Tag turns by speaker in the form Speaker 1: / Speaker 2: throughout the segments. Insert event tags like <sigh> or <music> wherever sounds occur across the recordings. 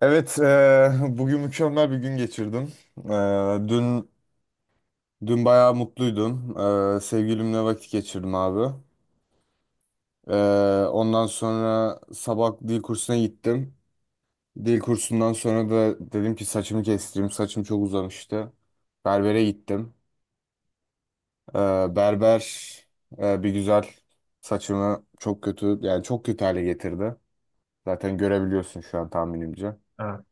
Speaker 1: Evet, <laughs> bugün mükemmel bir gün geçirdim. Eee, dün dün bayağı mutluydum. Sevgilimle vakit geçirdim abi. Ondan sonra sabah dil kursuna gittim. Dil kursundan sonra da dedim ki saçımı kestireyim. Saçım çok uzamıştı. Berbere gittim. Berber Bir güzel saçımı çok kötü, yani çok kötü hale getirdi. Zaten görebiliyorsun şu an tahminimce.
Speaker 2: Evet.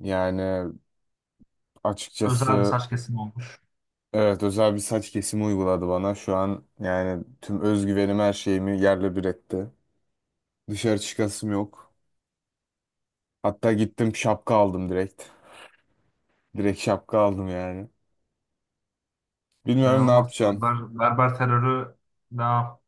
Speaker 1: Yani
Speaker 2: Özel bir
Speaker 1: açıkçası.
Speaker 2: saç kesimi olmuş.
Speaker 1: Evet, özel bir saç kesimi uyguladı bana. Şu an yani tüm özgüvenim, her şeyimi yerle bir etti. Dışarı çıkasım yok. Hatta gittim şapka aldım direkt. Direkt şapka aldım yani. Bilmiyorum ne
Speaker 2: İnanılmaz.
Speaker 1: yapacağım.
Speaker 2: Berber terörü daha.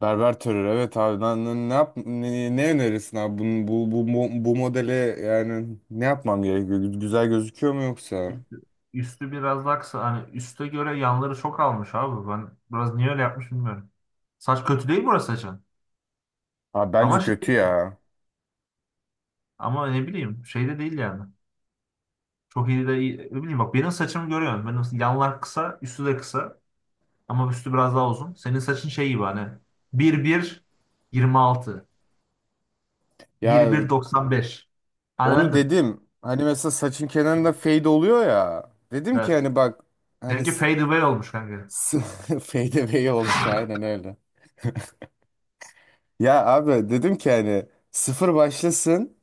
Speaker 1: Berber terör, evet abi ne yap, ne önerirsin abi? Bu modele, yani ne yapmam gerekiyor? Güzel gözüküyor mu yoksa?
Speaker 2: Üstü, üstü biraz daha kısa. Hani üste göre yanları çok almış abi. Ben biraz niye öyle yapmış bilmiyorum. Saç kötü değil, burası saçın.
Speaker 1: Abi
Speaker 2: Ama
Speaker 1: bence
Speaker 2: şey,
Speaker 1: kötü ya.
Speaker 2: ama ne bileyim, şey de değil yani. Çok iyi de iyi. Ne bileyim, bak benim saçımı görüyorsun. Benim yanlar kısa, üstü de kısa. Ama üstü biraz daha uzun. Senin saçın şey gibi, hani 1-1 26.
Speaker 1: Ya
Speaker 2: bir 1 95.
Speaker 1: onu
Speaker 2: Anladın?
Speaker 1: dedim. Hani mesela saçın kenarında fade oluyor ya. Dedim ki
Speaker 2: Evet.
Speaker 1: hani bak. Hani
Speaker 2: Seninki fade away olmuş kanka.
Speaker 1: FDV <laughs> olmuş, aynen öyle. Ya abi dedim ki hani sıfır başlasın,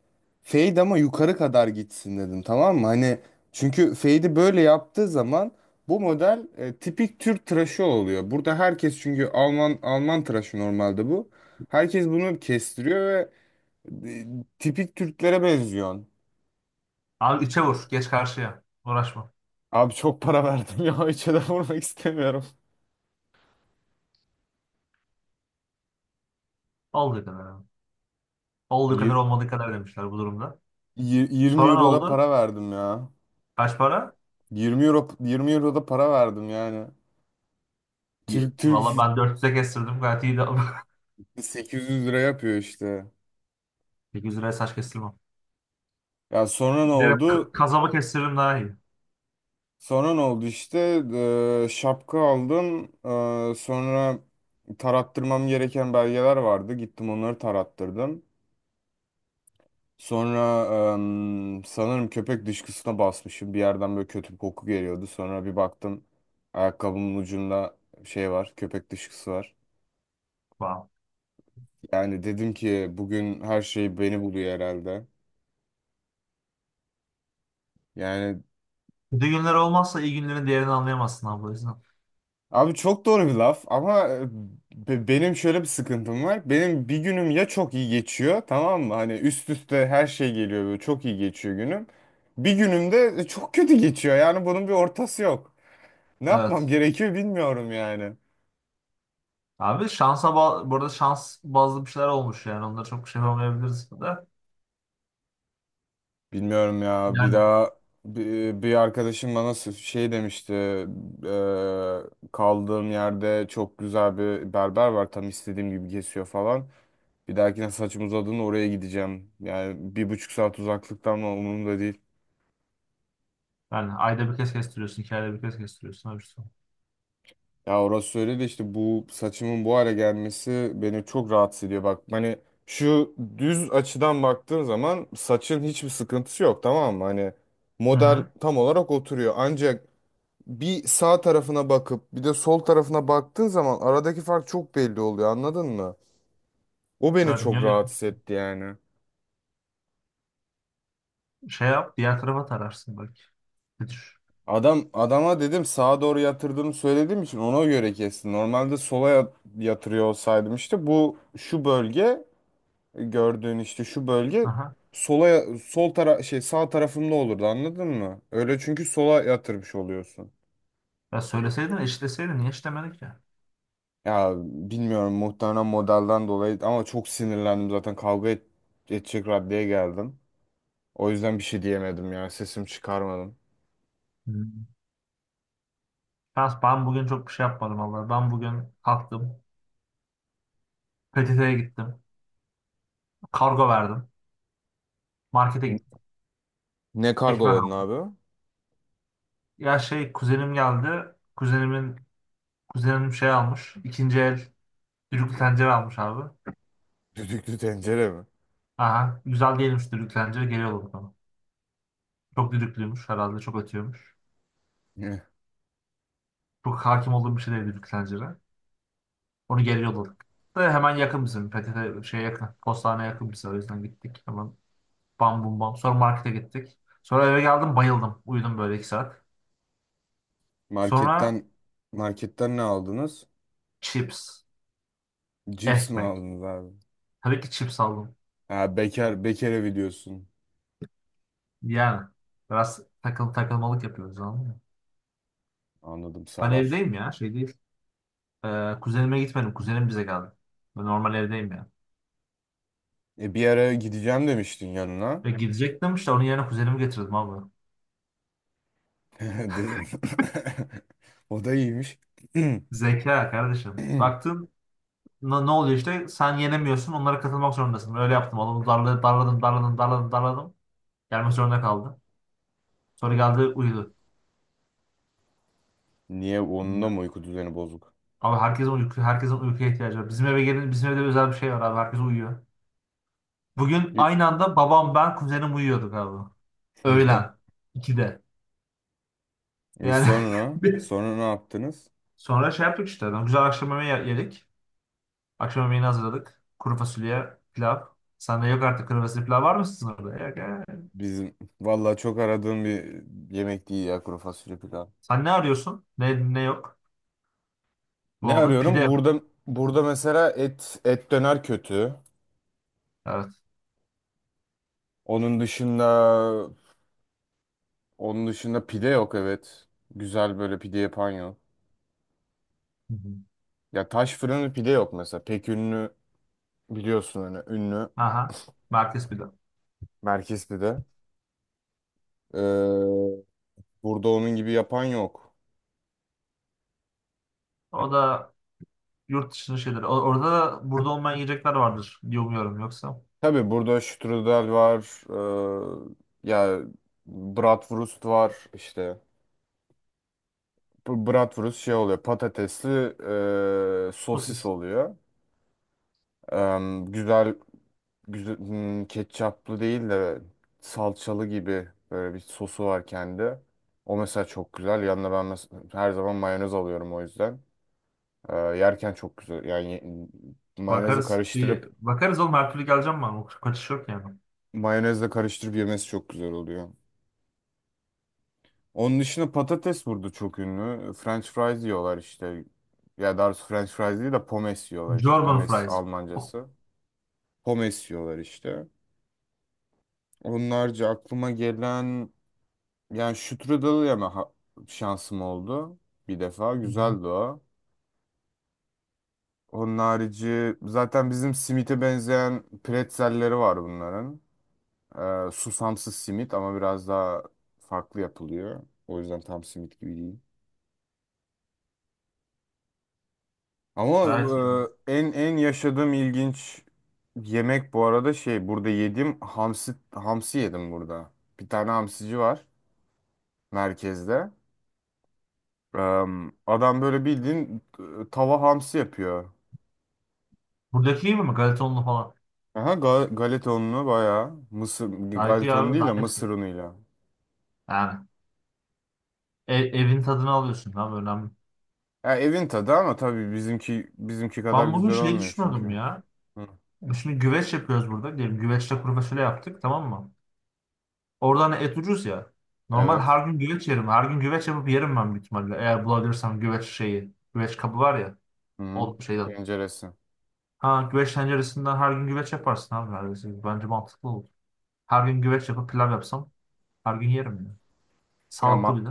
Speaker 1: fade ama yukarı kadar gitsin dedim, tamam mı? Hani çünkü fade'i böyle yaptığı zaman bu model tipik Türk tıraşı oluyor. Burada herkes, çünkü Alman Alman tıraşı normalde bu. Herkes bunu kestiriyor ve e, tipik Türklere benziyorsun.
Speaker 2: Abi içe vur. Geç karşıya. Uğraşma.
Speaker 1: Abi çok para verdim ya, <laughs> hiç de vurmak istemiyorum.
Speaker 2: Olduğu kadar abi. Olduğu kadar
Speaker 1: Yir-
Speaker 2: olmadığı kadar demişler bu durumda.
Speaker 1: 20
Speaker 2: Sonra ne
Speaker 1: euro da
Speaker 2: oldu?
Speaker 1: para verdim ya.
Speaker 2: Kaç para?
Speaker 1: 20 euro da para verdim yani. Türk.
Speaker 2: Valla ben 400'e kestirdim. Gayet iyi de. <laughs>
Speaker 1: 800 lira yapıyor işte.
Speaker 2: 800 liraya saç kestirmem.
Speaker 1: Ya sonra ne
Speaker 2: Direkt
Speaker 1: oldu?
Speaker 2: kazaba kestiririm daha iyi.
Speaker 1: Sonra ne oldu işte? Şapka aldım. Sonra tarattırmam gereken belgeler vardı. Gittim onları tarattırdım. Sonra sanırım köpek dışkısına basmışım. Bir yerden böyle kötü bir koku geliyordu. Sonra bir baktım, ayakkabımın ucunda şey var, köpek dışkısı var.
Speaker 2: Wow.
Speaker 1: Yani dedim ki bugün her şey beni buluyor herhalde. Yani,
Speaker 2: Kötü günler olmazsa iyi günlerin değerini anlayamazsın abi, o yüzden.
Speaker 1: abi çok doğru bir laf ama benim şöyle bir sıkıntım var. Benim bir günüm ya çok iyi geçiyor, tamam mı? Hani üst üste her şey geliyor, böyle çok iyi geçiyor günüm. Bir günüm de çok kötü geçiyor, yani bunun bir ortası yok. Ne yapmam
Speaker 2: Evet.
Speaker 1: gerekiyor bilmiyorum yani.
Speaker 2: Abi şansa burada şans bazlı bir şeyler olmuş yani. Onlara çok bir şey yapamayabiliriz da.
Speaker 1: Bilmiyorum ya,
Speaker 2: Yani.
Speaker 1: bir arkadaşım bana şey demişti. Kaldığım yerde çok güzel bir berber var, tam istediğim gibi kesiyor falan. Bir dahakine saçım uzadığında oraya gideceğim. Yani bir buçuk saat uzaklıkta ama umurumda değil.
Speaker 2: Yani ayda bir kez kestiriyorsun, 2 ayda bir kez kestiriyorsun. Öyle bir şey.
Speaker 1: Ya orası öyle de işte bu saçımın bu hale gelmesi beni çok rahatsız ediyor. Bak hani şu düz açıdan baktığın zaman saçın hiçbir sıkıntısı yok, tamam mı? Hani
Speaker 2: Hı
Speaker 1: model
Speaker 2: hı.
Speaker 1: tam olarak oturuyor. Ancak bir sağ tarafına bakıp bir de sol tarafına baktığın zaman aradaki fark çok belli oluyor, anladın mı? O beni
Speaker 2: Evet,
Speaker 1: çok
Speaker 2: niye.
Speaker 1: rahatsız etti yani.
Speaker 2: Şey yap, diğer tarafa tararsın belki. Bir düş.
Speaker 1: Adam adama dedim sağa doğru yatırdığımı söylediğim için ona göre kesti. Normalde sola yatırıyor olsaydım işte bu şu bölge, gördüğün işte şu bölge
Speaker 2: Aha.
Speaker 1: sola, sol tara şey sağ tarafımda olurdu, anladın mı? Öyle, çünkü sola yatırmış oluyorsun.
Speaker 2: Ya söyleseydin, eşitleseydin. Niye eşitlemedin ki?
Speaker 1: Ya bilmiyorum, muhtemelen modelden dolayı, ama çok sinirlendim zaten kavga edecek raddeye geldim. O yüzden bir şey diyemedim ya, sesimi çıkarmadım.
Speaker 2: Hmm. Şans, ben bugün çok bir şey yapmadım vallahi. Ben bugün kalktım. PTT'ye gittim. Kargo verdim. Markete
Speaker 1: N-
Speaker 2: gittim.
Speaker 1: Ne
Speaker 2: Ekmek
Speaker 1: kargoladın
Speaker 2: aldım.
Speaker 1: abi?
Speaker 2: Ya şey, kuzenim geldi. Kuzenim şey almış. İkinci el düdüklü tencere almış abi.
Speaker 1: <laughs> Düdüklü tencere mi?
Speaker 2: Aha. Güzel değilmiş düdüklü tencere. Geliyordu bana. Çok düdüklüymüş herhalde. Çok ötüyormuş.
Speaker 1: <laughs>
Speaker 2: Çok hakim olduğum bir şey değil düdüklü tencere. Onu geri yolladık. Da hemen yakın bizim. PTT şeye yakın. Postaneye yakın bize. O yüzden gittik. Hemen bam bum bam. Sonra markete gittik. Sonra eve geldim, bayıldım. Uyudum böyle 2 saat. Sonra
Speaker 1: Marketten Marketten ne aldınız?
Speaker 2: chips.
Speaker 1: Cips mi
Speaker 2: Ekmek.
Speaker 1: aldınız abi?
Speaker 2: Tabii ki chips aldım.
Speaker 1: Ha, bekar bekar evi diyorsun.
Speaker 2: Yani biraz takıl takılmalık yapıyoruz, anladın mı?
Speaker 1: Anladım
Speaker 2: Ben
Speaker 1: sarar.
Speaker 2: evdeyim ya, şey değil. Kuzenime gitmedim. Kuzenim bize geldi. Ben normal evdeyim ya.
Speaker 1: E bir ara gideceğim demiştin yanına.
Speaker 2: Ve gidecektim işte, onun yerine kuzenimi getirdim abi.
Speaker 1: <laughs> Dedim. <laughs> O da iyiymiş. <clears throat>
Speaker 2: Zeka kardeşim. Baktın. Ne oluyor işte? Sen yenemiyorsun. Onlara katılmak zorundasın. Öyle yaptım. Adamı darladım, darladım, darladım, darladım, darladım. Gelmek zorunda kaldı. Sonra geldi, uyudu.
Speaker 1: Niye, onun da mı uyku düzeni bozuk?
Speaker 2: Abi herkesin uykuya ihtiyacı var. Bizim eve gelin, bizim evde özel bir şey var abi. Herkes uyuyor. Bugün
Speaker 1: Y-
Speaker 2: aynı anda babam, ben, kuzenim uyuyorduk abi. Öğlen.
Speaker 1: <laughs>
Speaker 2: 2'de.
Speaker 1: Ve
Speaker 2: Yani
Speaker 1: sonra
Speaker 2: <laughs>
Speaker 1: sonra ne yaptınız?
Speaker 2: sonra şey yaptık işte. Güzel akşam yemeği yedik. Akşam yemeğini hazırladık. Kuru fasulye, pilav. Sende yok artık, kuru fasulye pilav var mı sizin orada? Yok.
Speaker 1: Bizim vallahi çok aradığım bir yemek değil ya kuru fasulye pilav.
Speaker 2: Sen ne arıyorsun? Ne yok?
Speaker 1: Ne
Speaker 2: Bulamadın. Pide
Speaker 1: arıyorum?
Speaker 2: yok.
Speaker 1: Burada, burada mesela et döner kötü.
Speaker 2: Evet.
Speaker 1: Onun dışında, onun dışında pide yok, evet. Güzel böyle pide yapan yok.
Speaker 2: Hı hı.
Speaker 1: Ya taş fırını pide yok mesela. Pek ünlü, biliyorsun hani ünlü
Speaker 2: Aha. Merkez bir de.
Speaker 1: merkez pide. Ee, Burada onun gibi yapan yok.
Speaker 2: O da yurt dışının şeyleri. Orada da burada olmayan yiyecekler vardır diye umuyorum, yoksa.
Speaker 1: Tabii burada strudel var. ee, ya Bratwurst var işte. Bu Bratwurst şey oluyor, patatesli sosis
Speaker 2: Sosis.
Speaker 1: oluyor. Em, güzel, Ketçaplı değil de salçalı gibi böyle bir sosu var kendi. O mesela çok güzel. Yanına ben her zaman mayonez alıyorum o yüzden. Yerken çok güzel. Mayonezle
Speaker 2: Bakarız.
Speaker 1: karıştırıp
Speaker 2: Bakarız oğlum, her türlü geleceğim ben. O kaçış yok yani.
Speaker 1: Mayonezle karıştırıp yemesi çok güzel oluyor. Onun dışında patates burada çok ünlü. French fries yiyorlar işte. Ya daha doğrusu French fries değil de pommes yiyorlar işte.
Speaker 2: German
Speaker 1: Pommes
Speaker 2: fries. Oh.
Speaker 1: Almancası. Pommes yiyorlar işte. Onlarca aklıma gelen. Yani Şükrü yeme şansım oldu bir defa.
Speaker 2: Hı hı.
Speaker 1: Güzeldi o. Onun harici zaten bizim simite benzeyen pretzelleri var bunların. Susamsız simit ama biraz daha farklı yapılıyor. O yüzden tam simit gibi değil. Ama
Speaker 2: Gayet iyi abi.
Speaker 1: en en yaşadığım ilginç yemek bu arada, şey, burada yediğim hamsi, hamsi yedim burada. Bir tane hamsici var merkezde. Ee, Adam böyle bildiğin tava hamsi yapıyor.
Speaker 2: Buradaki iyi mi? Galetonlu falan.
Speaker 1: Aha, galeta ununu bayağı, mısır,
Speaker 2: Gayet iyi
Speaker 1: galeta unu
Speaker 2: abi.
Speaker 1: değil de
Speaker 2: Daha hepsi.
Speaker 1: mısır unuyla.
Speaker 2: Yani evin tadını alıyorsun abi, önemli.
Speaker 1: Ya evin tadı, ama tabii bizimki kadar
Speaker 2: Ben bugün
Speaker 1: güzel
Speaker 2: şey
Speaker 1: olmuyor çünkü.
Speaker 2: düşünüyordum ya.
Speaker 1: Hı.
Speaker 2: Şimdi güveç yapıyoruz burada. Diyelim güveçle kuru fasulye yaptık, tamam mı? Orada hani et ucuz ya. Normal
Speaker 1: Evet.
Speaker 2: her gün güveç yerim. Her gün güveç yapıp yerim ben büyük ihtimalle. Eğer bulabilirsem güveç şeyi. Güveç kabı var ya.
Speaker 1: Hı.
Speaker 2: O şeyden.
Speaker 1: Tenceresi.
Speaker 2: Ha güveç tenceresinden her gün güveç yaparsın abi, neredeyse. Bence mantıklı olur. Her gün güveç yapıp pilav yapsam her gün yerim ya.
Speaker 1: Ya
Speaker 2: Sağlıklı bir de.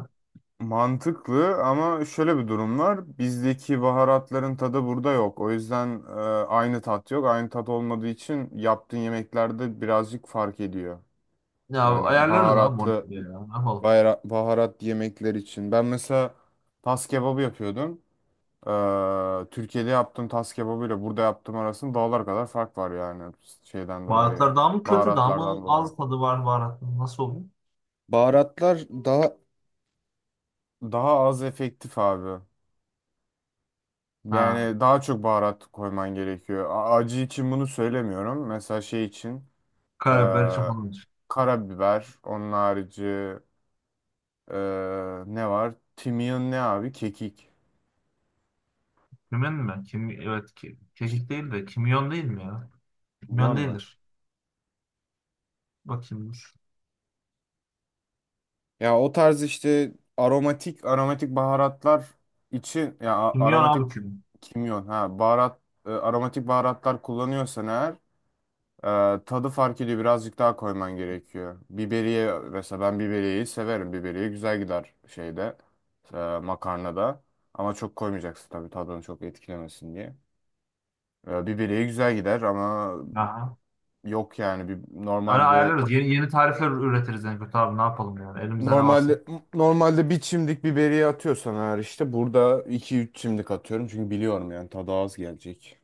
Speaker 1: mantıklı ama şöyle bir durum var. Bizdeki baharatların tadı burada yok. O yüzden aynı tat yok. Aynı tat olmadığı için yaptığın yemeklerde birazcık fark ediyor.
Speaker 2: Ya
Speaker 1: Yani
Speaker 2: ayarlarız abi
Speaker 1: baharatlı,
Speaker 2: monitörü ya. Ne yapalım?
Speaker 1: baharat yemekler için. Ben mesela tas kebabı yapıyordum. Türkiye'de yaptığım tas kebabıyla burada yaptığım arasında dağlar kadar fark var, yani şeyden dolayı.
Speaker 2: Baharatlar daha mı kötü, daha mı
Speaker 1: Baharatlardan dolayı.
Speaker 2: az tadı var baharatın? Nasıl oluyor?
Speaker 1: Baharatlar daha, daha az efektif abi.
Speaker 2: Ha.
Speaker 1: Yani daha çok baharat koyman gerekiyor. Acı için bunu söylemiyorum. Mesela şey için e,
Speaker 2: Karabiber için falan.
Speaker 1: karabiber, onun harici e, ne var? Kimyon ne abi? Kekik.
Speaker 2: Kimyon mu? Evet ki, kekik değil de kimyon değil mi ya?
Speaker 1: Kimyon
Speaker 2: Kimyon
Speaker 1: mu?
Speaker 2: değildir. Bakayım dur.
Speaker 1: Ya o tarz işte aromatik baharatlar için, ya
Speaker 2: Kimyon abi,
Speaker 1: aromatik,
Speaker 2: kimyon.
Speaker 1: kimyon, ha baharat, aromatik baharatlar kullanıyorsan eğer tadı fark ediyor, birazcık daha koyman gerekiyor. Biberiye mesela, ben biberiyeyi severim. Biberiye güzel gider şeyde, e, makarnada, ama çok koymayacaksın tabii, tadını çok etkilemesin diye. E, biberiye güzel gider ama
Speaker 2: Aha.
Speaker 1: yok yani, bir,
Speaker 2: Öyle
Speaker 1: normalde
Speaker 2: ayarlarız. Yeni tarifler üretiriz en kötü abi. Ne yapalım yani? Elimizde ne varsa.
Speaker 1: Normalde, normalde bir çimdik biberiye atıyorsan eğer, işte burada 2 3 çimdik atıyorum çünkü biliyorum yani tadı az gelecek.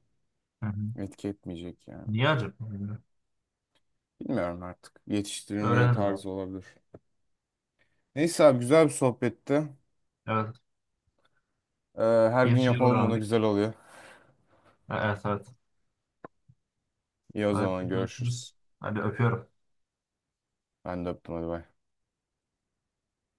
Speaker 2: Hı hı.
Speaker 1: Etki etmeyecek yani.
Speaker 2: Niye acaba? Bilmiyorum.
Speaker 1: Bilmiyorum artık. Yetiştirilme
Speaker 2: Öğreniriz abi.
Speaker 1: tarzı olabilir. Neyse abi, güzel bir sohbetti.
Speaker 2: Evet.
Speaker 1: Her gün
Speaker 2: Yeni şeyler
Speaker 1: yapalım bunu,
Speaker 2: öğrendik.
Speaker 1: güzel oluyor.
Speaker 2: Evet evet.
Speaker 1: İyi, o
Speaker 2: Hadi
Speaker 1: zaman görüşürüz.
Speaker 2: görüşürüz. Hadi öpüyorum.
Speaker 1: Ben de öptüm, hadi bay.